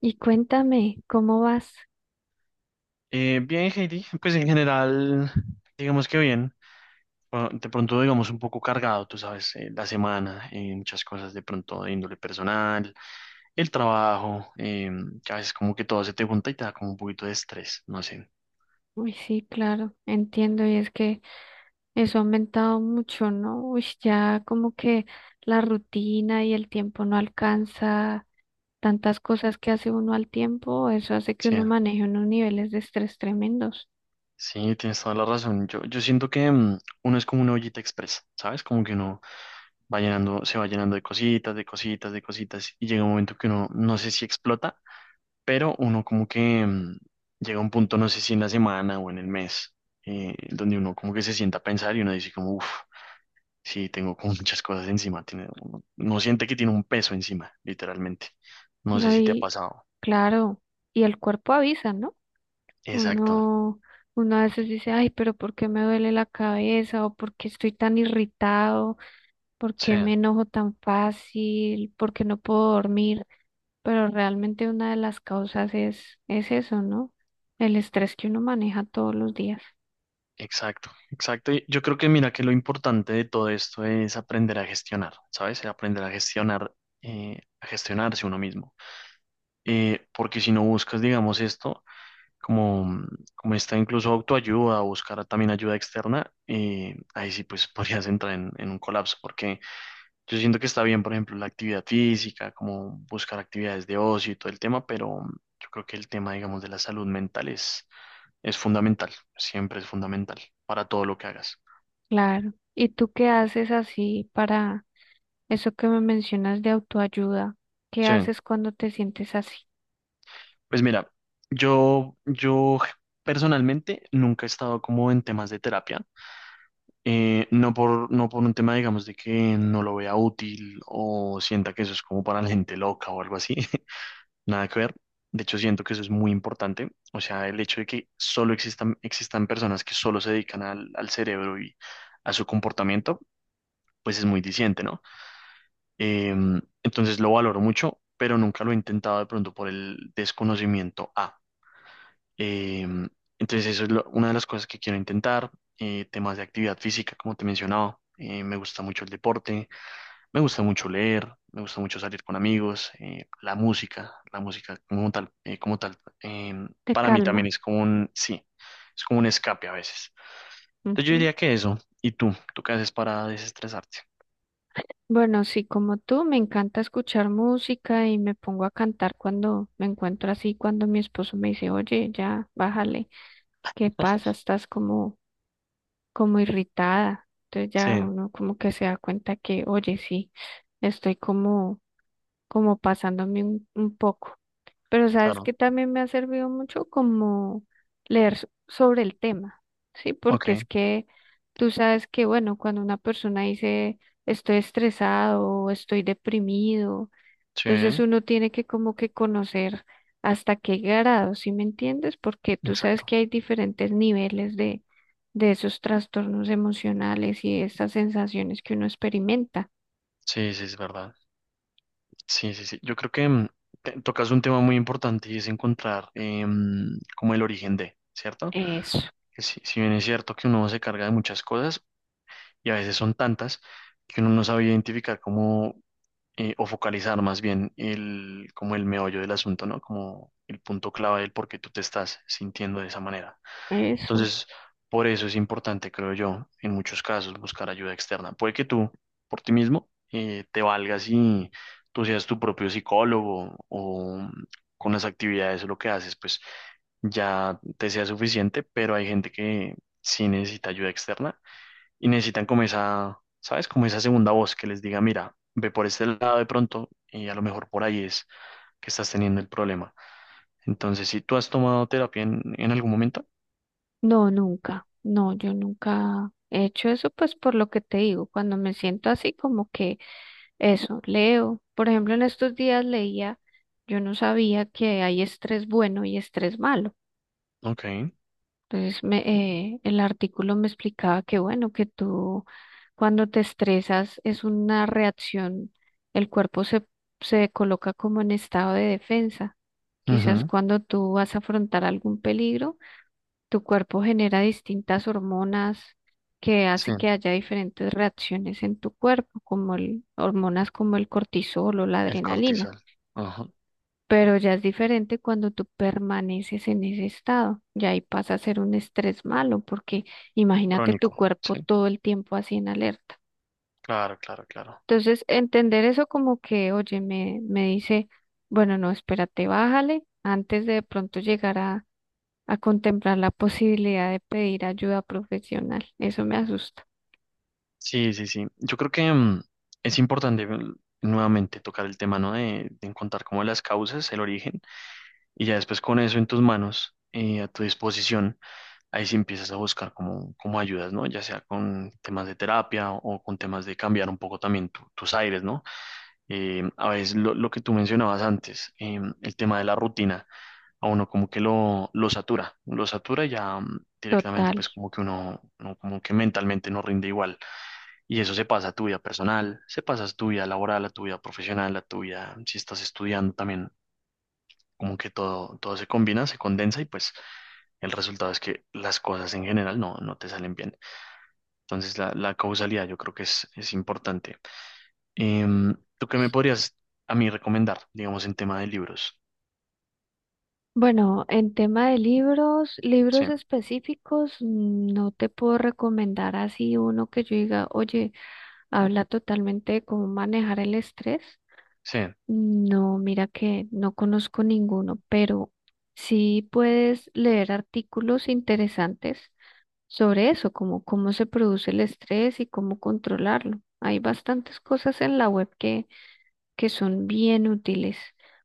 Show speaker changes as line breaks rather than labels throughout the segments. Y cuéntame, ¿cómo vas?
Bien, Heidi, pues en general, digamos que bien. Bueno, de pronto, digamos, un poco cargado, tú sabes, la semana, muchas cosas de pronto de índole personal, el trabajo, que a veces como que todo se te junta y te da como un poquito de estrés, no sé.
Uy, sí, claro, entiendo, y es que eso ha aumentado mucho, ¿no? Uy, ya como que la rutina y el tiempo no alcanza tantas cosas que hace uno al tiempo, eso hace que
Sí,
uno maneje unos niveles de estrés tremendos,
sí, tienes toda la razón. Yo siento que uno es como una ollita expresa, ¿sabes? Como que uno va llenando, se va llenando de cositas, de cositas, de cositas, y llega un momento que uno no sé si explota, pero uno como que llega a un punto, no sé si en la semana o en el mes, donde uno como que se sienta a pensar y uno dice como, uff, sí, tengo como muchas cosas encima, tiene, uno, uno siente que tiene un peso encima, literalmente. No sé
¿no?
si te ha
Y
pasado.
claro, y el cuerpo avisa, ¿no?
Exacto,
Uno, uno a veces dice, ay, pero ¿por qué me duele la cabeza? ¿O por qué estoy tan irritado? ¿Por
sí,
qué me enojo tan fácil? ¿Por qué no puedo dormir? Pero realmente una de las causas es eso, ¿no? El estrés que uno maneja todos los días.
exacto, exacto. Y yo creo que mira que lo importante de todo esto es aprender a gestionar, ¿sabes? Aprender a gestionar, a gestionarse uno mismo. Porque si no buscas, digamos, esto, como, como está incluso autoayuda o buscar también ayuda externa, ahí sí pues podrías entrar en un colapso, porque yo siento que está bien, por ejemplo, la actividad física, como buscar actividades de ocio y todo el tema, pero yo creo que el tema, digamos, de la salud mental es fundamental, siempre es fundamental para todo lo que hagas.
Claro. ¿Y tú qué haces así para eso que me mencionas de autoayuda? ¿Qué
Sí,
haces cuando te sientes así?
pues mira, yo personalmente nunca he estado como en temas de terapia. No por, no por un tema, digamos, de que no lo vea útil o sienta que eso es como para la gente loca o algo así. Nada que ver. De hecho, siento que eso es muy importante. O sea, el hecho de que solo existan, existan personas que solo se dedican al, al cerebro y a su comportamiento, pues es muy diciente, ¿no? Eh, entonces lo valoro mucho, pero nunca lo he intentado de pronto por el desconocimiento A. Em, entonces, eso es una de las cosas que quiero intentar. Temas de actividad física, como te mencionaba. Me gusta mucho el deporte, me gusta mucho leer, me gusta mucho salir con amigos, la música como tal,
Te
para mí
calma.
también es como un, sí, es como un escape a veces. Entonces yo
Ujú.
diría que eso. ¿Y tú? ¿Tú qué haces para desestresarte?
Bueno, sí, como tú, me encanta escuchar música y me pongo a cantar cuando me encuentro así, cuando mi esposo me dice, oye, ya, bájale, ¿qué pasa? Estás como irritada. Entonces
Sí,
ya uno como que se da cuenta que, oye, sí, estoy como, como pasándome un poco. Pero sabes
claro.
que también me ha servido mucho como leer sobre el tema, ¿sí?
Ok,
Porque es que tú sabes que, bueno, cuando una persona dice estoy estresado o estoy deprimido, entonces
sí,
uno tiene que como que conocer hasta qué grado, ¿sí me entiendes? Porque tú sabes
exacto.
que hay diferentes niveles de esos trastornos emocionales y de estas sensaciones que uno experimenta.
Sí, sí, es verdad. Sí, sí, sí. Yo creo que tocas un tema muy importante y es encontrar em, como el origen de, ¿cierto?
Eso,
Que si, si bien es cierto que uno se carga de muchas cosas y a veces son tantas que uno no sabe identificar cómo o focalizar más bien el, como el meollo del asunto, ¿no? Como el punto clave del por qué tú te estás sintiendo de esa manera.
eso.
Entonces, por eso es importante, creo yo, en muchos casos buscar ayuda externa. Puede que tú, por ti mismo, te valgas y tú seas tu propio psicólogo o con las actividades o lo que haces, pues ya te sea suficiente, pero hay gente que sí necesita ayuda externa y necesitan como esa, ¿sabes? Como esa segunda voz que les diga, mira, ve por este lado de pronto y a lo mejor por ahí es que estás teniendo el problema. Entonces, si tú has tomado terapia en algún momento,
No, nunca. No, yo nunca he hecho eso, pues por lo que te digo, cuando me siento así como que eso, leo. Por ejemplo, en estos días leía, yo no sabía que hay estrés bueno y estrés malo.
ok.
Entonces, el artículo me explicaba que, bueno, que tú cuando te estresas es una reacción, el cuerpo se coloca como en estado de defensa. Quizás
Ujú.
cuando tú vas a afrontar algún peligro, tu cuerpo genera distintas hormonas que
Sí,
hace que haya diferentes reacciones en tu cuerpo, como el, hormonas como el cortisol o la
el
adrenalina.
cortisol. Ajá.
Pero ya es diferente cuando tú permaneces en ese estado, ya ahí pasa a ser un estrés malo, porque imagínate tu
Crónico.
cuerpo
Sí,
todo el tiempo así en alerta.
claro, claro, claro.
Entonces, entender eso como que, oye, me dice, bueno, no, espérate, bájale, antes de pronto llegar a contemplar la posibilidad de pedir ayuda profesional. Eso me asusta.
Sí, sí, sí. Yo creo que es importante nuevamente tocar el tema, ¿no? De encontrar como las causas, el origen, y ya después con eso en tus manos, a tu disposición, ahí sí empiezas a buscar como, como ayudas, ¿no? Ya sea con temas de terapia o con temas de cambiar un poco también tus aires, ¿no? A veces lo que tú mencionabas antes, el tema de la rutina. A uno como que lo satura y ya mm, directamente
Total.
pues como que uno, uno como que mentalmente no rinde igual. Y eso se pasa a tu vida personal, se pasa a tu vida laboral, a tu vida profesional, a tu vida, si estás estudiando también, como que todo, todo se combina, se condensa y pues el resultado es que las cosas en general no, no te salen bien. Entonces la causalidad yo creo que es importante. Em, ¿tú qué me podrías a mí recomendar, digamos, en tema de libros?
Bueno, en tema de libros,
Sí,
libros específicos, mm, no te puedo recomendar así uno que yo diga, oye, habla totalmente de cómo manejar el estrés.
sí,
No, mira que no conozco ninguno, pero sí puedes leer artículos interesantes sobre eso, como cómo se produce el estrés y cómo controlarlo. Hay bastantes cosas en la web que son bien útiles.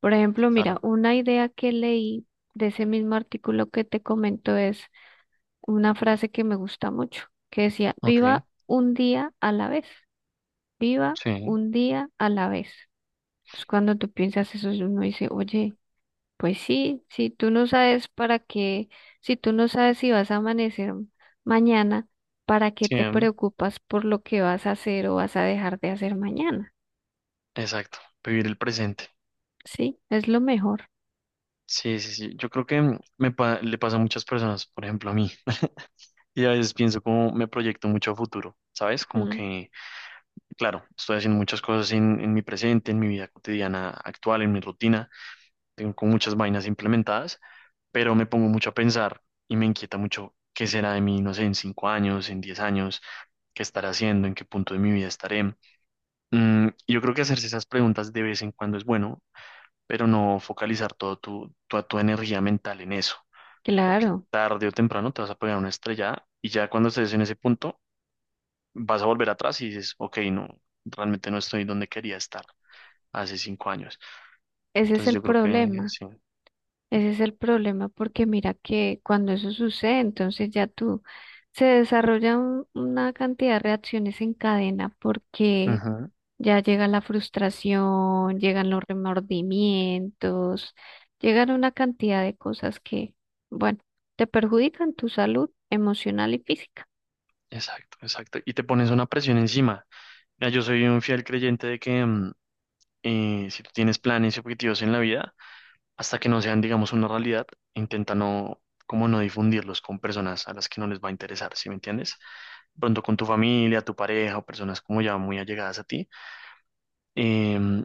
Por ejemplo, mira,
claro.
una idea que leí de ese mismo artículo que te comento es una frase que me gusta mucho, que decía,
Ok.
viva un día a la vez. Viva
Sí,
un día a la vez. Entonces, cuando tú piensas eso, uno dice, oye, pues sí, si tú no sabes para qué, si tú no sabes si vas a amanecer mañana, ¿para qué
sí,
te
em,
preocupas por lo que vas a hacer o vas a dejar de hacer mañana?
exacto, vivir el presente.
Sí, es lo mejor.
Sí, sí, sí. Yo creo que le pasa a muchas personas, por ejemplo a mí, y a veces pienso como me proyecto mucho a futuro, ¿sabes? Como
Mm,
que, claro, estoy haciendo muchas cosas en mi presente, en mi vida cotidiana actual, en mi rutina, tengo como muchas vainas implementadas, pero me pongo mucho a pensar y me inquieta mucho qué será de mí, no sé, en 5 años, en 10 años, qué estaré haciendo, en qué punto de mi vida estaré. Mm, yo creo que hacerse esas preguntas de vez en cuando es bueno pero no focalizar todo tu, toda tu energía mental en eso, porque
claro,
tarde o temprano te vas a pegar una estrellada y ya cuando estés en ese punto vas a volver atrás y dices, ok, no, realmente no estoy donde quería estar hace 5 años.
ese es
Entonces
el
yo creo que
problema.
sí.
Ese es el problema porque mira que cuando eso sucede, entonces ya tú se desarrolla una cantidad de reacciones en cadena porque
Ujú,
ya llega la frustración, llegan los remordimientos, llegan una cantidad de cosas que, bueno, te perjudican tu salud emocional y física.
exacto, exacto. Y te pones una presión encima. Mira, yo soy un fiel creyente de que si tú tienes planes y objetivos en la vida, hasta que no sean, digamos, una realidad, intenta no, como no difundirlos con personas a las que no les va a interesar, ¿sí me entiendes? Pronto con tu familia, tu pareja o personas como ya muy allegadas a ti, em,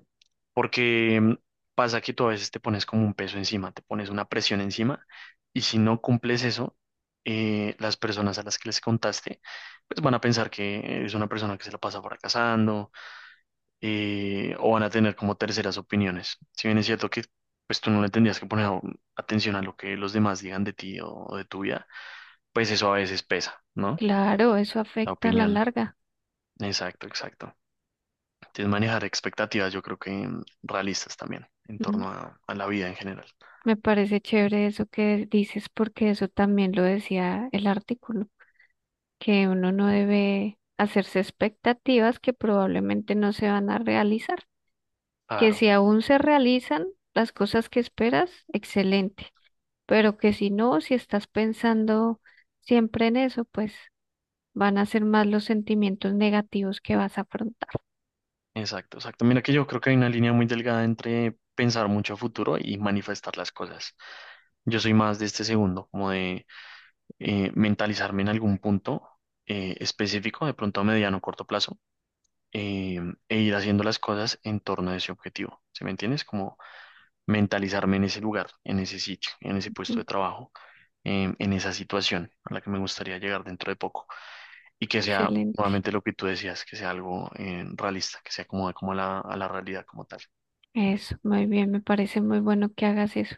porque pasa que tú a veces te pones como un peso encima, te pones una presión encima y si no cumples eso, las personas a las que les contaste, pues van a pensar que es una persona que se la pasa fracasando o van a tener como terceras opiniones. Si bien es cierto que pues tú no le tendrías que poner atención a lo que los demás digan de ti o de tu vida, pues eso a veces pesa, ¿no?
Claro, eso
La
afecta a la
opinión.
larga.
Exacto, exacto. Sí, es manejar expectativas, yo creo que mm, realistas también, en
Mm,
torno a la vida en general.
me parece chévere eso que dices porque eso también lo decía el artículo, que uno no debe hacerse expectativas que probablemente no se van a realizar, que
Claro,
si aún se realizan las cosas que esperas, excelente, pero que si no, si estás pensando siempre en eso, pues van a ser más los sentimientos negativos que vas a afrontar.
exacto, exacto. Mira que yo creo que hay una línea muy delgada entre pensar mucho a futuro y manifestar las cosas. Yo soy más de este segundo, como de mentalizarme en algún punto específico, de pronto a mediano o corto plazo, eh, e ir haciendo las cosas en torno a ese objetivo. ¿Sí me entiendes? Como mentalizarme en ese lugar, en ese sitio, en ese puesto
Mm,
de trabajo, en esa situación a la que me gustaría llegar dentro de poco. Y que sea
excelente.
nuevamente lo que tú decías, que sea algo realista, que se acomode como a la realidad como tal.
Eso, muy bien, me parece muy bueno que hagas eso.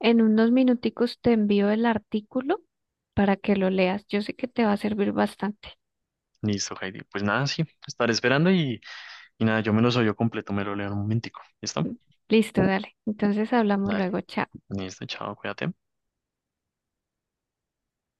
En unos minuticos te envío el artículo para que lo leas. Yo sé que te va a servir bastante.
Listo, Heidi. Pues nada, sí, estaré esperando y nada, yo me lo soy yo completo, me lo leo en un momentico. ¿Listo?
Listo, dale. Entonces hablamos
Dale.
luego. Chao.
Listo, chao, cuídate.